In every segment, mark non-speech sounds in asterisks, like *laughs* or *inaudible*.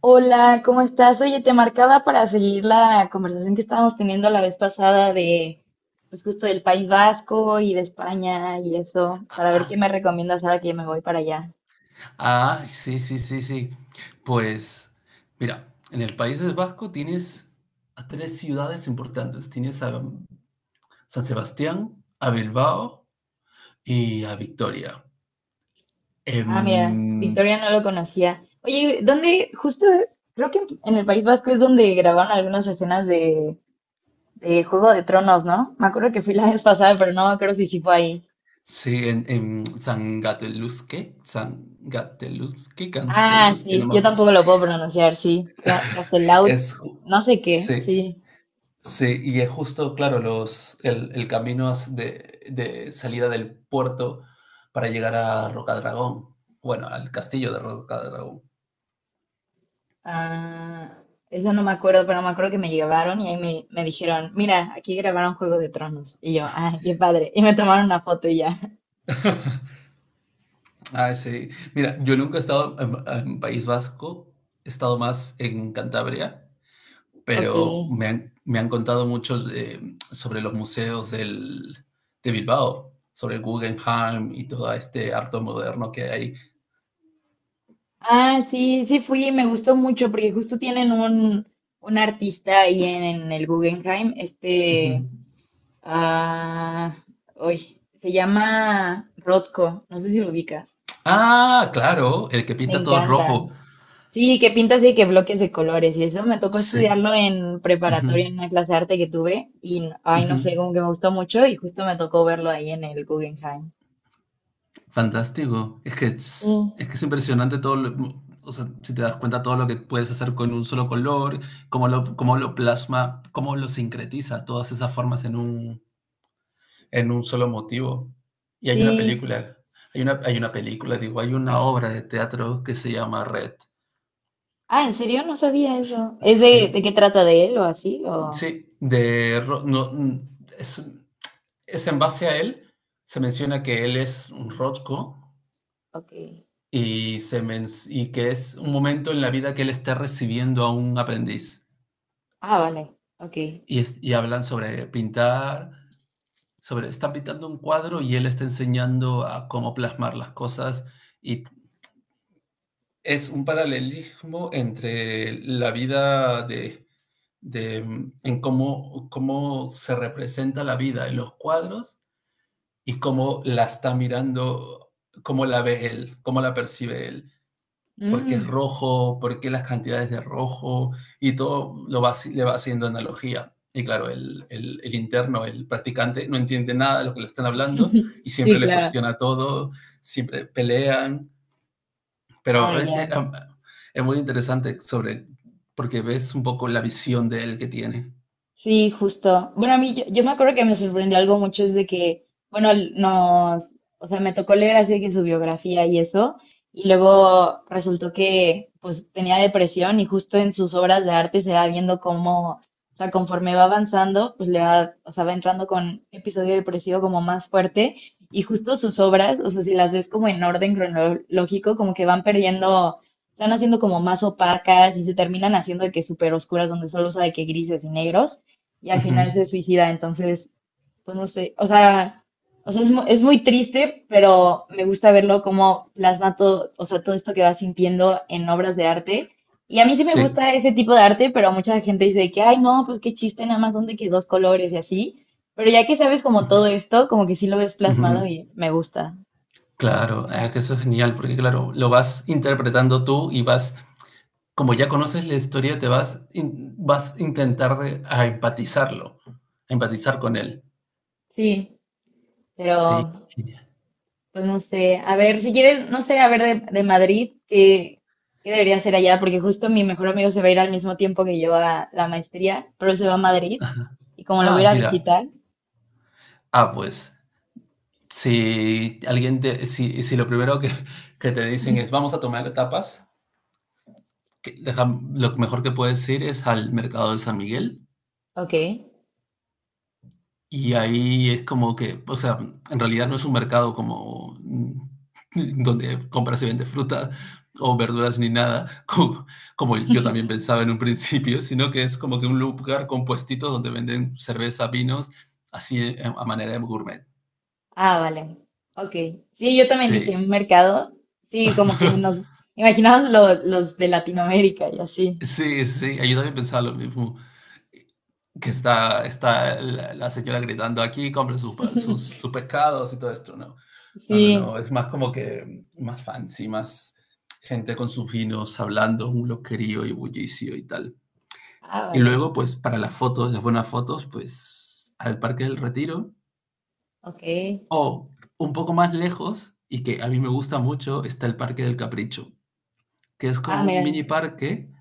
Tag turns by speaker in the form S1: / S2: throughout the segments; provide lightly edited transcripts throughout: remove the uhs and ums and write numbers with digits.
S1: Hola, ¿cómo estás? Oye, te marcaba para seguir la conversación que estábamos teniendo la vez pasada de, pues justo del País Vasco y de España y eso, para ver qué me
S2: Ah,
S1: recomiendas ahora que me voy para allá.
S2: ah, sí, sí, sí, sí. Pues, mira, en el País Vasco tienes a tres ciudades importantes. Tienes a San Sebastián, a Bilbao y a Victoria.
S1: Ah, mira,
S2: Em,
S1: Victoria no lo conocía. Oye, ¿dónde? Justo, creo que en el País Vasco es donde grabaron algunas escenas de Juego de Tronos, ¿no? Me acuerdo que fui la vez pasada, pero no me acuerdo si sí fue ahí.
S2: sí, en San Gateluzque, San Gateluzque,
S1: Ah,
S2: Gansteluzque, no
S1: sí,
S2: me
S1: yo
S2: acuerdo.
S1: tampoco lo puew pronunciar, sí. Gaztelau,
S2: Es, ju-
S1: no sé qué, sí.
S2: sí, Sí, y es justo, claro, el camino de salida del puerto para llegar a Rocadragón. Bueno, al castillo de Rocadragón.
S1: Ah, eso no me acuerdo, pero me acuerdo que me llevaron y ahí me dijeron, mira, aquí grabaron Juego de Tronos. Y yo, ay, qué padre. Y me tomaron una foto y ya.
S2: Ah, sí. Mira, yo nunca he estado en País Vasco, he estado más en Cantabria,
S1: Ok.
S2: pero me han contado mucho sobre los museos de Bilbao, sobre el Guggenheim y todo este arte moderno que hay.
S1: Ah, sí, sí fui y me gustó mucho porque justo tienen un artista ahí en el Guggenheim,
S2: Ujú.
S1: este, ah, uy, se llama Rothko, no sé si lo ubicas.
S2: Ah, claro, el que
S1: Me
S2: pinta todo en
S1: encantan.
S2: rojo.
S1: Sí, que pintas y que bloques de colores. Y eso me tocó
S2: Sí.
S1: estudiarlo en
S2: Ujú,
S1: preparatoria en una clase de arte que tuve. Ay,
S2: ujú.
S1: no sé, como que me gustó mucho y justo me tocó verlo ahí en el Guggenheim.
S2: Fantástico.
S1: Sí.
S2: Es que es impresionante todo lo, o sea, si te das cuenta todo lo que puedes hacer con un solo color, cómo lo plasma, cómo lo sincretiza todas esas formas en en un solo motivo. Y hay una
S1: Sí.
S2: película, hay una película, digo, hay una obra de teatro que se llama Red.
S1: Ah, ¿en serio? No sabía eso. ¿Es de
S2: Sí,
S1: qué trata de él o así?
S2: sí, de Ro- no, mm, es, es en base a él, se menciona que él es un Rothko
S1: Ok.
S2: y, y que es un momento en la vida que él está recibiendo a un aprendiz.
S1: Ah, vale. Ok.
S2: Y hablan sobre pintar, sobre, están pintando un cuadro y él está enseñando a cómo plasmar las cosas. Y es un paralelismo entre la vida de en cómo, cómo se representa la vida en los cuadros y cómo la está mirando, cómo la ve él, cómo la percibe él. Por qué es
S1: Mm.
S2: rojo, por qué las cantidades de rojo, y todo lo va, le va haciendo analogía. Y claro, interno, el practicante, no entiende nada de lo que le están hablando y
S1: *laughs*
S2: siempre
S1: Sí,
S2: le
S1: claro.
S2: cuestiona todo, siempre pelean, pero
S1: Ah,
S2: es,
S1: ya.
S2: es muy interesante sobre, porque ves un poco la visión de él que tiene.
S1: Sí, justo. Bueno, a mí yo me acuerdo que me sorprendió algo mucho es de que, bueno, nos, o sea, me tocó leer así de que su biografía y eso, y luego resultó que pues tenía depresión y justo en sus obras de arte se va viendo cómo, o sea, conforme va avanzando, pues le va, o sea, va entrando con episodio depresivo como más fuerte y justo sus obras, o sea, si las ves como en orden cronológico, como que van perdiendo, están haciendo como más opacas y se terminan haciendo de que súper oscuras donde solo usa de que grises y negros y al
S2: Ujú.
S1: final se suicida. Entonces, pues no sé, o sea es, es muy triste, pero me gusta verlo como plasma todo, o sea, todo esto que va sintiendo en obras de arte. Y a mí sí me
S2: Sí.
S1: gusta ese tipo de arte, pero mucha gente dice que, ay, no, pues qué chiste, nada más donde que dos colores y así. Pero ya que sabes como todo
S2: Ujú,
S1: esto, como que sí lo ves plasmado
S2: ujú.
S1: y me gusta.
S2: Claro, ah, que eso es genial, porque claro, lo vas interpretando tú y vas como ya conoces la historia, vas a a empatizarlo, a empatizar con él.
S1: Sí,
S2: Sí.
S1: pero pues no sé, a ver, si quieres, no sé, a ver de Madrid, ¿qué, qué debería hacer allá? Porque justo mi mejor amigo se va a ir al mismo tiempo que yo a la maestría, pero él se va a Madrid y como lo voy a ir
S2: Ah,
S1: a
S2: mira.
S1: visitar,
S2: Ah, pues, si lo primero que te dicen es vamos a tomar tapas, que deja- lo mejor que puedes ir es al mercado de San Miguel.
S1: ok.
S2: Y ahí es como que, o sea, en realidad no es un mercado como, *laughs* donde compras y vendes fruta o verduras ni nada, *laughs* como yo también pensaba en un principio, sino que es como que un lugar con puestitos donde venden cerveza, vinos, así a manera de gourmet.
S1: Ah, vale, ok. Sí, yo también dije
S2: Sí,
S1: un mercado, sí, como que nos
S2: *laughs*
S1: imaginamos los de Latinoamérica y así.
S2: sí, ahí yo también pensaba lo mismo. Que está, la señora gritando aquí, compre sus pescados y todo esto, ¿no? No, no,
S1: Sí,
S2: no, es más como que más fancy, más gente con sus vinos hablando, un loquerío y bullicio y tal.
S1: ah,
S2: Y
S1: vale,
S2: luego, pues para las fotos, las buenas fotos, pues al Parque del Retiro,
S1: ok.
S2: o un poco más lejos y que a mí me gusta mucho está el Parque del Capricho, que es
S1: Ah,
S2: como un
S1: mira,
S2: mini parque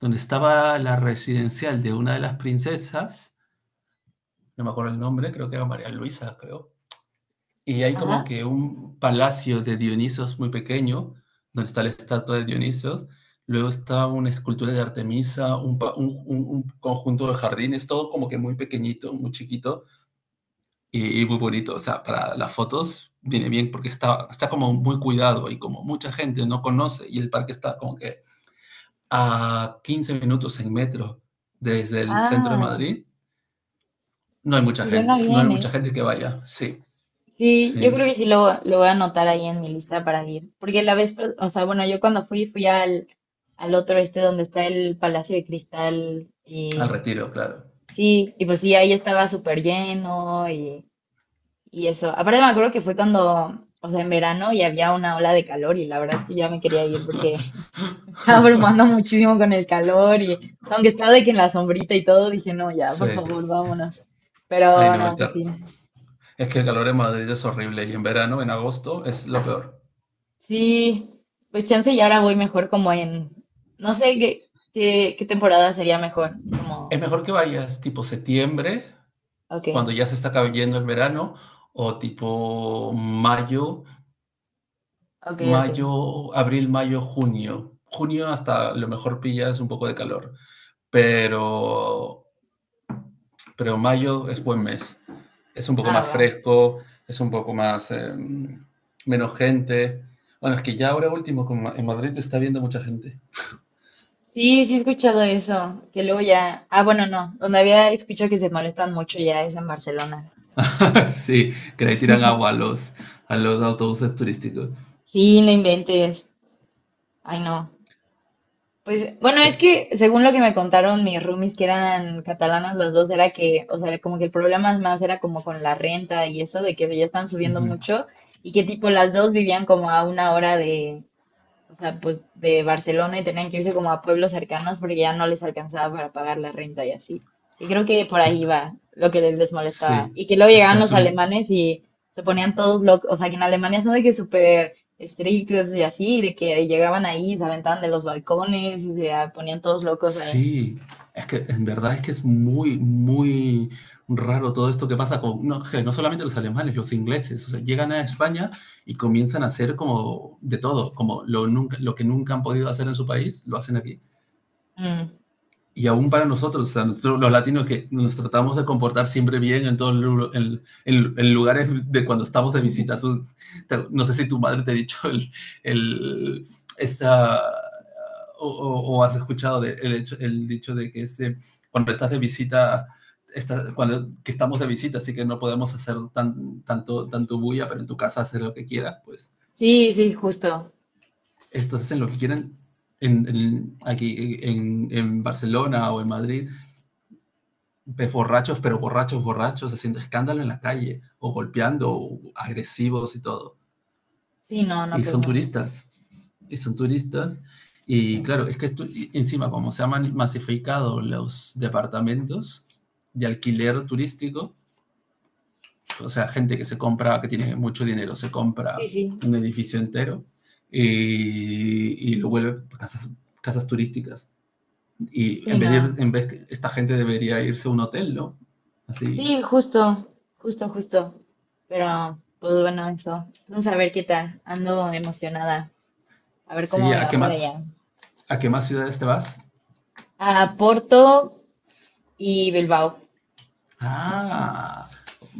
S2: donde estaba la residencial de una de las princesas, no me acuerdo el nombre, creo que era María Luisa, creo. Y hay como
S1: ajá.
S2: que un palacio de Dionisos muy pequeño, donde está la estatua de Dionisos. Luego está una escultura de Artemisa, un, pa- un conjunto de jardines, todo como que muy pequeñito, muy chiquito y muy bonito. O sea, para las fotos viene bien porque está como muy cuidado y como mucha gente no conoce y el parque está como que a 15 minutos en metro desde el centro de
S1: Ah,
S2: Madrid. No hay mucha
S1: pues suena
S2: gente, no hay
S1: bien,
S2: mucha
S1: ¿eh?
S2: gente que vaya. Sí,
S1: Sí, yo
S2: sí,
S1: creo que sí lo voy a anotar ahí en mi lista para ir. Porque la vez, o sea, bueno, yo cuando fui al otro este donde está el Palacio de Cristal y
S2: al Retiro, claro.
S1: sí, y pues sí, ahí estaba súper lleno y eso. Aparte me acuerdo que fue cuando, o sea, en verano y había una ola de calor y la verdad es que yo ya me quería ir porque *laughs* me estaba abrumando
S2: *laughs*
S1: muchísimo con el calor y aunque estaba de que en la sombrita y todo, dije, no, ya,
S2: Sí,
S1: por favor, vámonos.
S2: ay
S1: Pero
S2: no,
S1: no, pues sí.
S2: es que el calor en Madrid es horrible y en verano, en agosto, es lo peor.
S1: Sí, pues chance y ahora voy mejor como en, no sé qué temporada sería mejor, como,
S2: Es mejor que vayas tipo septiembre,
S1: ok,
S2: cuando ya se está cayendo el verano, o tipo mayo,
S1: ok, ok,
S2: mayo, junio. Junio hasta a lo mejor pillas un poco de calor, pero mayo es buen mes. Es un poco
S1: ah,
S2: más
S1: va.
S2: fresco, es un poco más menos gente. Bueno, es que ya ahora último en Madrid está viendo mucha gente.
S1: Sí, sí he escuchado eso, que luego ya, ah, bueno, no, donde había escuchado que se molestan mucho ya es en Barcelona.
S2: *laughs* Sí, que le tiran agua a los autobuses turísticos.
S1: Sí, no inventes, ay, no. Pues, bueno,
S2: Sí.
S1: es que según lo que me contaron mis roomies, que eran catalanas los dos, era que, o sea, como que el problema es más era como con la renta y eso, de que ya están
S2: Uh
S1: subiendo
S2: -huh.
S1: mucho y que tipo las dos vivían como a 1 hora de, o sea, pues de Barcelona y tenían que irse como a pueblos cercanos porque ya no les alcanzaba para pagar la renta y así. Y creo que por ahí va lo que les molestaba.
S2: Sí,
S1: Y que luego
S2: es que
S1: llegaban
S2: han
S1: los
S2: subido.
S1: alemanes y se ponían todos locos, o sea, que en Alemania son de que súper estrictos y así, de que llegaban ahí, y se aventaban de los balcones y se ponían todos locos ahí.
S2: Sí, es que en verdad es que es muy, muy raro todo esto que pasa con, no, que no solamente los alemanes, los ingleses, o sea, llegan a España y comienzan a hacer como de todo, como lo que nunca han podido hacer en su país, lo hacen aquí.
S1: Mm.
S2: Y aún para nosotros, o sea, nosotros, los latinos que nos tratamos de comportar siempre bien en todos los en lugares de cuando estamos de visita. No sé si tu madre te ha dicho el esta, o, has escuchado de, el, hecho, el dicho de que cuando estás de visita, cuando que estamos de visita, así que no podemos hacer tanto bulla, pero en tu casa hacer lo que quieras, pues
S1: Sí, sí, justo.
S2: estos hacen lo que quieren aquí en Barcelona o en Madrid ves borrachos, pero borrachos, borrachos, haciendo escándalo en la calle, o golpeando, o agresivos y todo.
S1: Sí, no, no,
S2: Y
S1: pues
S2: son
S1: no.
S2: turistas, y son turistas. Y claro, y encima, como se han masificado los departamentos de alquiler turístico, o sea, gente que se compra, que tiene mucho dinero, se
S1: Sí,
S2: compra
S1: sí.
S2: un edificio entero y lo vuelve casas, casas turísticas. Y
S1: Sí, no.
S2: en vez, esta gente debería irse a un hotel, ¿no? Así,
S1: Sí, justo, justo, justo. Pero, pues bueno, eso. Entonces, a ver qué tal. Ando emocionada. A ver
S2: sí,
S1: cómo me
S2: ¿a
S1: va
S2: qué
S1: por allá.
S2: más? ¿A qué más ciudades te vas?
S1: A Porto y Bilbao.
S2: Ah,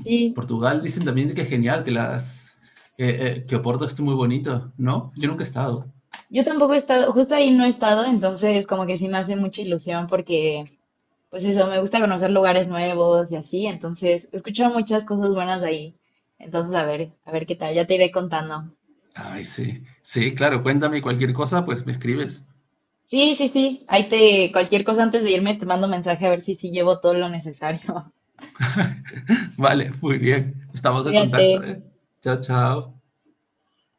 S1: Sí,
S2: Portugal dicen también que es genial, que las que Oporto es muy bonito, ¿no? Yo nunca he estado.
S1: yo tampoco he estado, justo ahí no he estado, entonces como que sí me hace mucha ilusión porque, pues eso, me gusta conocer lugares nuevos y así. Entonces, he escuchado muchas cosas buenas de ahí. Entonces, a ver qué tal. Ya te iré contando.
S2: Ay, sí. Sí, claro, cuéntame cualquier cosa, pues me escribes.
S1: Sí, sí, sí. Ahí te, cualquier cosa antes de irme, te mando mensaje a ver si sí llevo todo lo necesario.
S2: Vale, muy bien. Estamos en
S1: Cuídate.
S2: contacto, ¿eh? Chao, chao.